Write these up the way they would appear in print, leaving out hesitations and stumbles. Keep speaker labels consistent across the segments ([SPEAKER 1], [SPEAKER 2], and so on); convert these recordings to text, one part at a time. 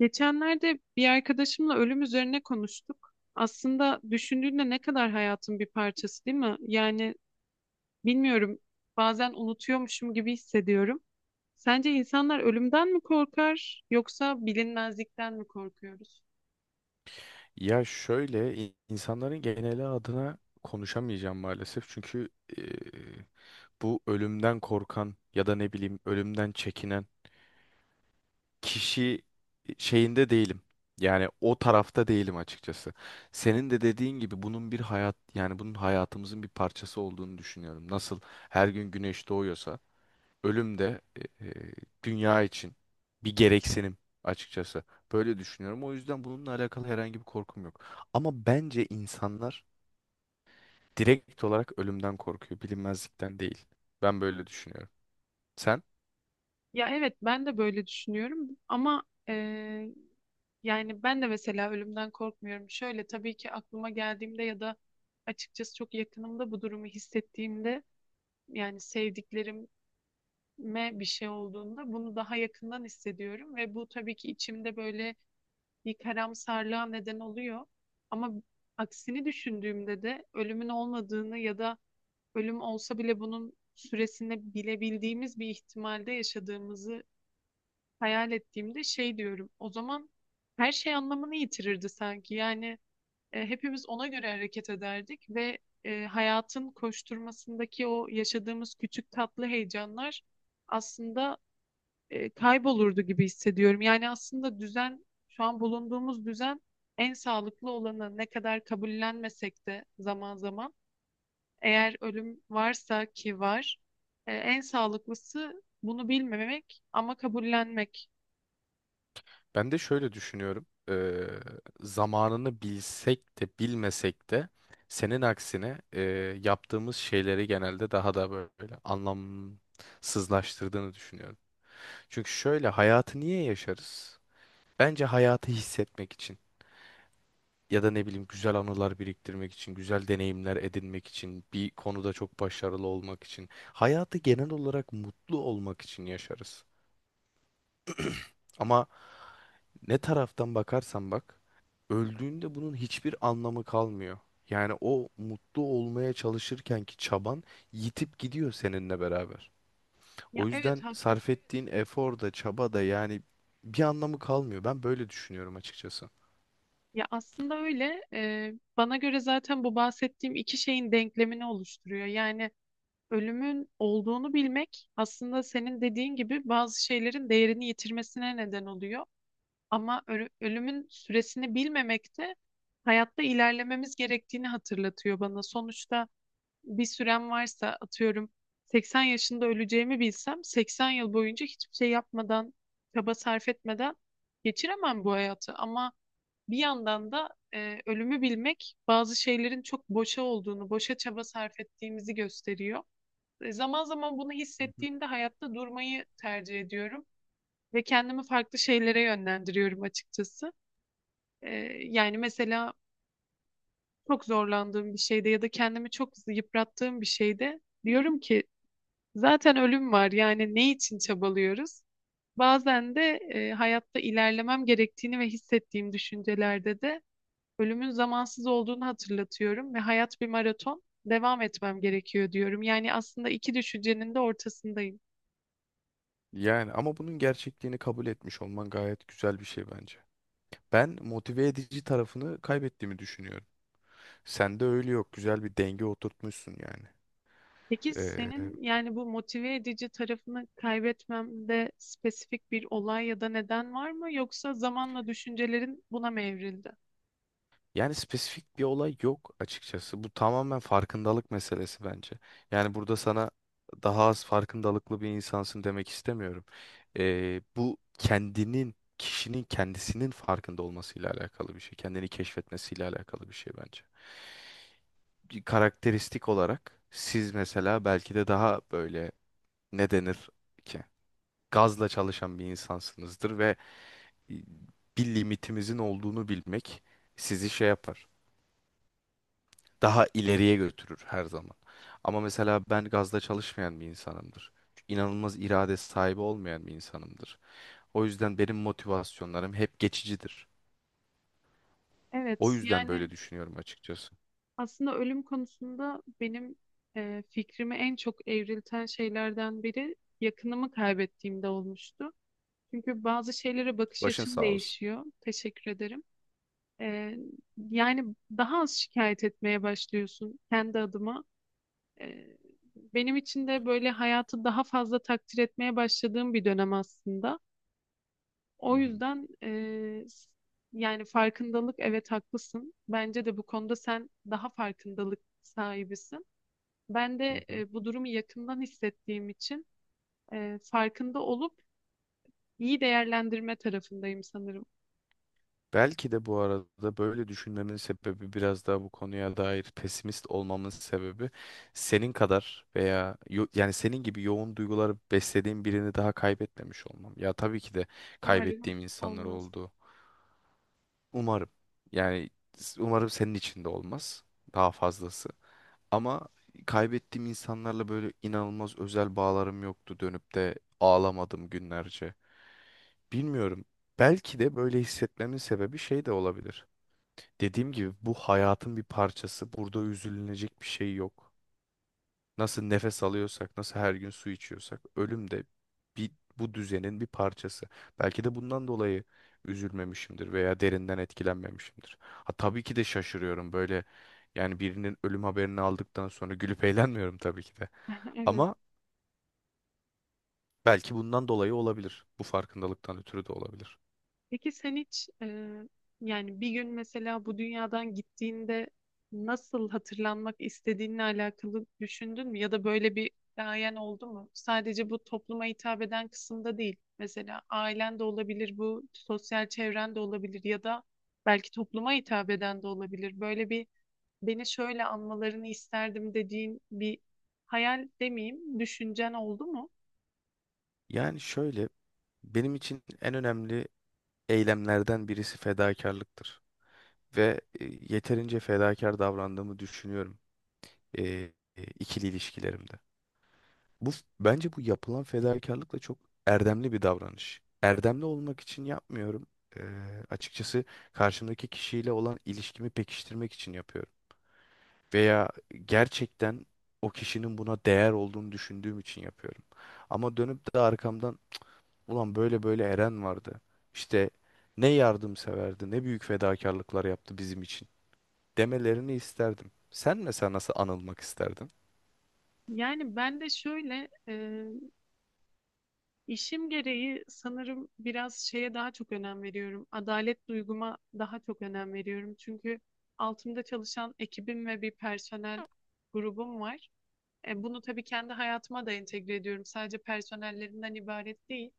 [SPEAKER 1] Geçenlerde bir arkadaşımla ölüm üzerine konuştuk. Aslında düşündüğünde ne kadar hayatın bir parçası, değil mi? Yani bilmiyorum, bazen unutuyormuşum gibi hissediyorum. Sence insanlar ölümden mi korkar yoksa bilinmezlikten mi korkuyoruz?
[SPEAKER 2] Ya şöyle insanların geneli adına konuşamayacağım maalesef. Çünkü e, bu ölümden korkan ya da ne bileyim ölümden çekinen kişi şeyinde değilim. Yani o tarafta değilim açıkçası. Senin de dediğin gibi bunun bir hayat yani bunun hayatımızın bir parçası olduğunu düşünüyorum. Nasıl her gün güneş doğuyorsa ölüm de e, e, dünya için bir gereksinim açıkçası. Böyle düşünüyorum. O yüzden bununla alakalı herhangi bir korkum yok. Ama bence insanlar direkt olarak ölümden korkuyor, bilinmezlikten değil. Ben böyle düşünüyorum. Sen?
[SPEAKER 1] Ya evet, ben de böyle düşünüyorum ama eee, yani ben de mesela ölümden korkmuyorum. Şöyle tabii ki aklıma geldiğimde ya da açıkçası çok yakınımda bu durumu hissettiğimde yani sevdiklerim me bir şey olduğunda bunu daha yakından hissediyorum ve bu tabii ki içimde böyle bir karamsarlığa neden oluyor. Ama aksini düşündüğümde de ölümün olmadığını ya da ölüm olsa bile bunun süresini bilebildiğimiz bir ihtimalde yaşadığımızı hayal ettiğimde şey diyorum. O zaman her şey anlamını yitirirdi sanki. Yani hepimiz ona göre hareket ederdik ve hayatın koşturmasındaki o yaşadığımız küçük tatlı heyecanlar aslında kaybolurdu gibi hissediyorum. Yani aslında düzen, şu an bulunduğumuz düzen en sağlıklı olanı ne kadar kabullenmesek de zaman zaman eğer ölüm varsa ki var, en sağlıklısı bunu bilmemek ama kabullenmek.
[SPEAKER 2] Ben de şöyle düşünüyorum. Zamanını bilsek de bilmesek de senin aksine yaptığımız şeyleri genelde daha da böyle anlamsızlaştırdığını düşünüyorum. Çünkü şöyle hayatı niye yaşarız? Bence hayatı hissetmek için ya da ne bileyim güzel anılar biriktirmek için, güzel deneyimler edinmek için, bir konuda çok başarılı olmak için, hayatı genel olarak mutlu olmak için yaşarız. Ama ne taraftan bakarsan bak, öldüğünde bunun hiçbir anlamı kalmıyor. Yani o mutlu olmaya çalışırken ki çaban yitip gidiyor seninle beraber.
[SPEAKER 1] Ya
[SPEAKER 2] O
[SPEAKER 1] evet
[SPEAKER 2] yüzden sarf
[SPEAKER 1] haklısın.
[SPEAKER 2] ettiğin efor da çaba da yani bir anlamı kalmıyor. Ben böyle düşünüyorum açıkçası.
[SPEAKER 1] Ya aslında öyle. Bana göre zaten bu bahsettiğim iki şeyin denklemini oluşturuyor. Yani ölümün olduğunu bilmek aslında senin dediğin gibi bazı şeylerin değerini yitirmesine neden oluyor. Ama ölümün süresini bilmemek de hayatta ilerlememiz gerektiğini hatırlatıyor bana. Sonuçta bir sürem varsa atıyorum 80 yaşında öleceğimi bilsem 80 yıl boyunca hiçbir şey yapmadan, çaba sarf etmeden geçiremem bu hayatı. Ama bir yandan da ölümü bilmek bazı şeylerin çok boşa olduğunu, boşa çaba sarf ettiğimizi gösteriyor. Zaman zaman bunu hissettiğimde hayatta durmayı tercih ediyorum ve kendimi farklı şeylere yönlendiriyorum açıkçası. Ee, Yani mesela çok zorlandığım bir şeyde ya da kendimi çok yıprattığım bir şeyde diyorum ki zaten ölüm var yani ne için çabalıyoruz? Bazen de hayatta ilerlemem gerektiğini ve hissettiğim düşüncelerde de ölümün zamansız olduğunu hatırlatıyorum ve hayat bir maraton devam etmem gerekiyor diyorum. Yani aslında iki düşüncenin de ortasındayım.
[SPEAKER 2] Yani ama bunun gerçekliğini kabul etmiş olman gayet güzel bir şey bence. Ben motive edici tarafını kaybettiğimi düşünüyorum. Sende öyle yok. Güzel bir denge oturtmuşsun yani.
[SPEAKER 1] Peki
[SPEAKER 2] Ee,
[SPEAKER 1] senin yani bu motive edici tarafını kaybetmemde spesifik bir olay ya da neden var mı? Yoksa zamanla düşüncelerin buna mı evrildi?
[SPEAKER 2] Yani spesifik bir olay yok açıkçası. Bu tamamen farkındalık meselesi bence. Yani burada sana daha az farkındalıklı bir insansın demek istemiyorum. Bu kendinin, kişinin kendisinin farkında olmasıyla alakalı bir şey. Kendini keşfetmesiyle alakalı bir şey bence. Bir karakteristik olarak siz mesela belki de daha böyle ne denir ki gazla çalışan bir insansınızdır ve bir limitimizin olduğunu bilmek sizi şey yapar. Daha ileriye götürür her zaman. Ama mesela ben gazla çalışmayan bir insanımdır. İnanılmaz irade sahibi olmayan bir insanımdır. O yüzden benim motivasyonlarım hep geçicidir. O
[SPEAKER 1] Evet,
[SPEAKER 2] yüzden böyle
[SPEAKER 1] yani
[SPEAKER 2] düşünüyorum açıkçası.
[SPEAKER 1] aslında ölüm konusunda benim fikrimi en çok evrilten şeylerden biri yakınımı kaybettiğimde olmuştu. Çünkü bazı şeylere bakış
[SPEAKER 2] Başın
[SPEAKER 1] açın
[SPEAKER 2] sağ olsun.
[SPEAKER 1] değişiyor. Teşekkür ederim. E, Yani daha az şikayet etmeye başlıyorsun kendi adıma. Ee, Benim için de böyle hayatı daha fazla takdir etmeye başladığım bir dönem aslında.
[SPEAKER 2] Hı
[SPEAKER 1] O
[SPEAKER 2] hı.
[SPEAKER 1] yüzden yani farkındalık evet haklısın. Bence de bu konuda sen daha farkındalık sahibisin. Ben
[SPEAKER 2] Hı
[SPEAKER 1] de
[SPEAKER 2] hı.
[SPEAKER 1] bu durumu yakından hissettiğim için farkında olup iyi değerlendirme tarafındayım sanırım.
[SPEAKER 2] Belki de bu arada böyle düşünmemin sebebi biraz daha bu konuya dair pesimist olmamın sebebi senin kadar veya yani senin gibi yoğun duyguları beslediğim birini daha kaybetmemiş olmam. Ya tabii ki de
[SPEAKER 1] Umarım
[SPEAKER 2] kaybettiğim insanlar
[SPEAKER 1] olmaz.
[SPEAKER 2] oldu. Umarım. Yani umarım senin için de olmaz daha fazlası. Ama kaybettiğim insanlarla böyle inanılmaz özel bağlarım yoktu dönüp de ağlamadım günlerce. Bilmiyorum. Belki de böyle hissetmemin sebebi şey de olabilir. Dediğim gibi bu hayatın bir parçası. Burada üzülünecek bir şey yok. Nasıl nefes alıyorsak, nasıl her gün su içiyorsak, ölüm de bir, bu düzenin bir parçası. Belki de bundan dolayı üzülmemişimdir veya derinden etkilenmemişimdir. Ha tabii ki de şaşırıyorum böyle. Yani birinin ölüm haberini aldıktan sonra gülüp eğlenmiyorum tabii ki de.
[SPEAKER 1] Evet.
[SPEAKER 2] Ama belki bundan dolayı olabilir. Bu farkındalıktan ötürü de olabilir.
[SPEAKER 1] Peki sen hiç yani bir gün mesela bu dünyadan gittiğinde nasıl hatırlanmak istediğinle alakalı düşündün mü? Ya da böyle bir gayen oldu mu? Sadece bu topluma hitap eden kısımda değil. Mesela ailen de olabilir, bu sosyal çevren de olabilir ya da belki topluma hitap eden de olabilir. Böyle bir beni şöyle anmalarını isterdim dediğin bir hayal demeyeyim, düşüncen oldu mu?
[SPEAKER 2] Yani şöyle, benim için en önemli eylemlerden birisi fedakarlıktır. Ve yeterince fedakar davrandığımı düşünüyorum e, ikili ilişkilerimde. Bu bence bu yapılan fedakarlık da çok erdemli bir davranış. Erdemli olmak için yapmıyorum. E, Açıkçası karşımdaki kişiyle olan ilişkimi pekiştirmek için yapıyorum. Veya gerçekten o kişinin buna değer olduğunu düşündüğüm için yapıyorum. Ama dönüp de arkamdan ulan böyle böyle Eren vardı. İşte ne yardımseverdi, ne büyük fedakarlıklar yaptı bizim için demelerini isterdim. Sen mesela nasıl anılmak isterdin?
[SPEAKER 1] Yani ben de şöyle, İşim gereği sanırım biraz şeye daha çok önem veriyorum. Adalet duyguma daha çok önem veriyorum. Çünkü altımda çalışan ekibim ve bir personel grubum var. Bunu tabii kendi hayatıma da entegre ediyorum. Sadece personellerinden ibaret değil.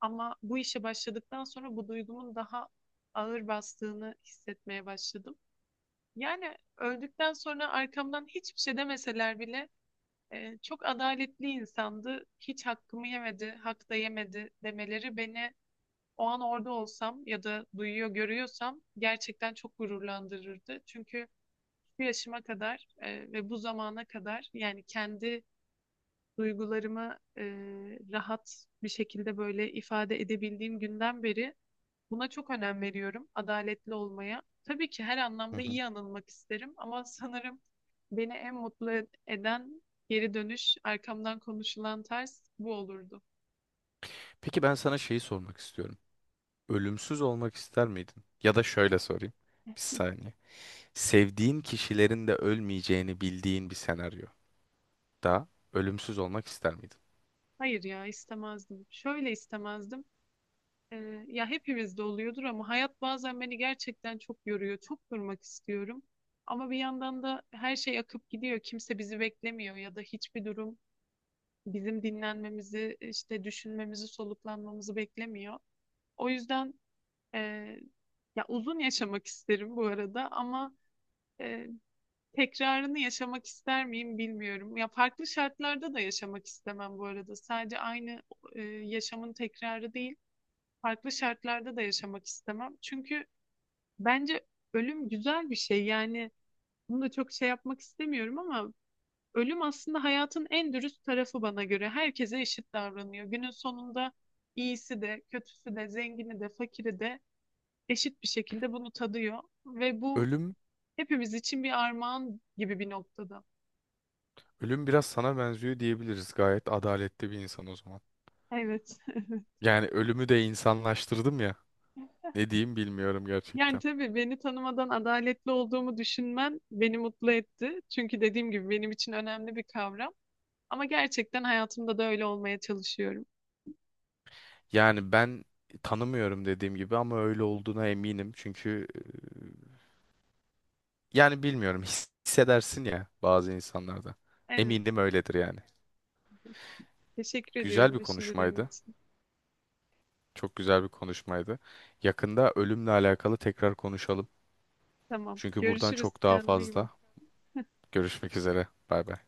[SPEAKER 1] Ama bu işe başladıktan sonra bu duygumun daha ağır bastığını hissetmeye başladım. Yani öldükten sonra arkamdan hiçbir şey demeseler bile çok adaletli insandı. Hiç hakkımı yemedi, hak da yemedi demeleri beni o an orada olsam ya da duyuyor görüyorsam gerçekten çok gururlandırırdı. Çünkü bu yaşıma kadar ve bu zamana kadar yani kendi duygularımı rahat bir şekilde böyle ifade edebildiğim günden beri buna çok önem veriyorum, adaletli olmaya. Tabii ki her
[SPEAKER 2] Hı
[SPEAKER 1] anlamda
[SPEAKER 2] hı.
[SPEAKER 1] iyi anılmak isterim ama sanırım beni en mutlu eden geri dönüş, arkamdan konuşulan ters bu olurdu.
[SPEAKER 2] Peki ben sana şeyi sormak istiyorum. Ölümsüz olmak ister miydin? Ya da şöyle sorayım. Bir saniye. Sevdiğin kişilerin de ölmeyeceğini bildiğin bir senaryo. Da ölümsüz olmak ister miydin?
[SPEAKER 1] Hayır ya istemezdim. Şöyle istemezdim. Ya hepimizde oluyordur ama hayat bazen beni gerçekten çok yoruyor. Çok durmak istiyorum. Ama bir yandan da her şey akıp gidiyor. Kimse bizi beklemiyor ya da hiçbir durum bizim dinlenmemizi, işte düşünmemizi, soluklanmamızı beklemiyor. O yüzden Ee, ya uzun yaşamak isterim bu arada ama e, tekrarını yaşamak ister miyim bilmiyorum. Ya farklı şartlarda da yaşamak istemem bu arada. Sadece aynı yaşamın tekrarı değil, farklı şartlarda da yaşamak istemem. Çünkü bence ölüm güzel bir şey. Yani bunu da çok şey yapmak istemiyorum ama ölüm aslında hayatın en dürüst tarafı bana göre. Herkese eşit davranıyor. Günün sonunda iyisi de, kötüsü de, zengini de, fakiri de eşit bir şekilde bunu tadıyor ve bu
[SPEAKER 2] Ölüm,
[SPEAKER 1] hepimiz için bir armağan gibi bir noktada.
[SPEAKER 2] ölüm biraz sana benziyor diyebiliriz. Gayet adaletli bir insan o zaman.
[SPEAKER 1] Evet.
[SPEAKER 2] Yani ölümü de insanlaştırdım ya. Ne diyeyim bilmiyorum
[SPEAKER 1] Yani
[SPEAKER 2] gerçekten.
[SPEAKER 1] tabii beni tanımadan adaletli olduğumu düşünmen beni mutlu etti. Çünkü dediğim gibi benim için önemli bir kavram. Ama gerçekten hayatımda da öyle olmaya çalışıyorum.
[SPEAKER 2] Yani ben tanımıyorum dediğim gibi ama öyle olduğuna eminim. Çünkü yani bilmiyorum hissedersin ya bazı insanlarda.
[SPEAKER 1] Evet.
[SPEAKER 2] Eminim öyledir yani.
[SPEAKER 1] Teşekkür
[SPEAKER 2] Güzel
[SPEAKER 1] ediyorum
[SPEAKER 2] bir
[SPEAKER 1] düşüncelerin
[SPEAKER 2] konuşmaydı.
[SPEAKER 1] için.
[SPEAKER 2] Çok güzel bir konuşmaydı. Yakında ölümle alakalı tekrar konuşalım.
[SPEAKER 1] Tamam.
[SPEAKER 2] Çünkü buradan
[SPEAKER 1] Görüşürüz.
[SPEAKER 2] çok daha
[SPEAKER 1] Kendine iyi bak.
[SPEAKER 2] fazla. Görüşmek üzere. Bay bay.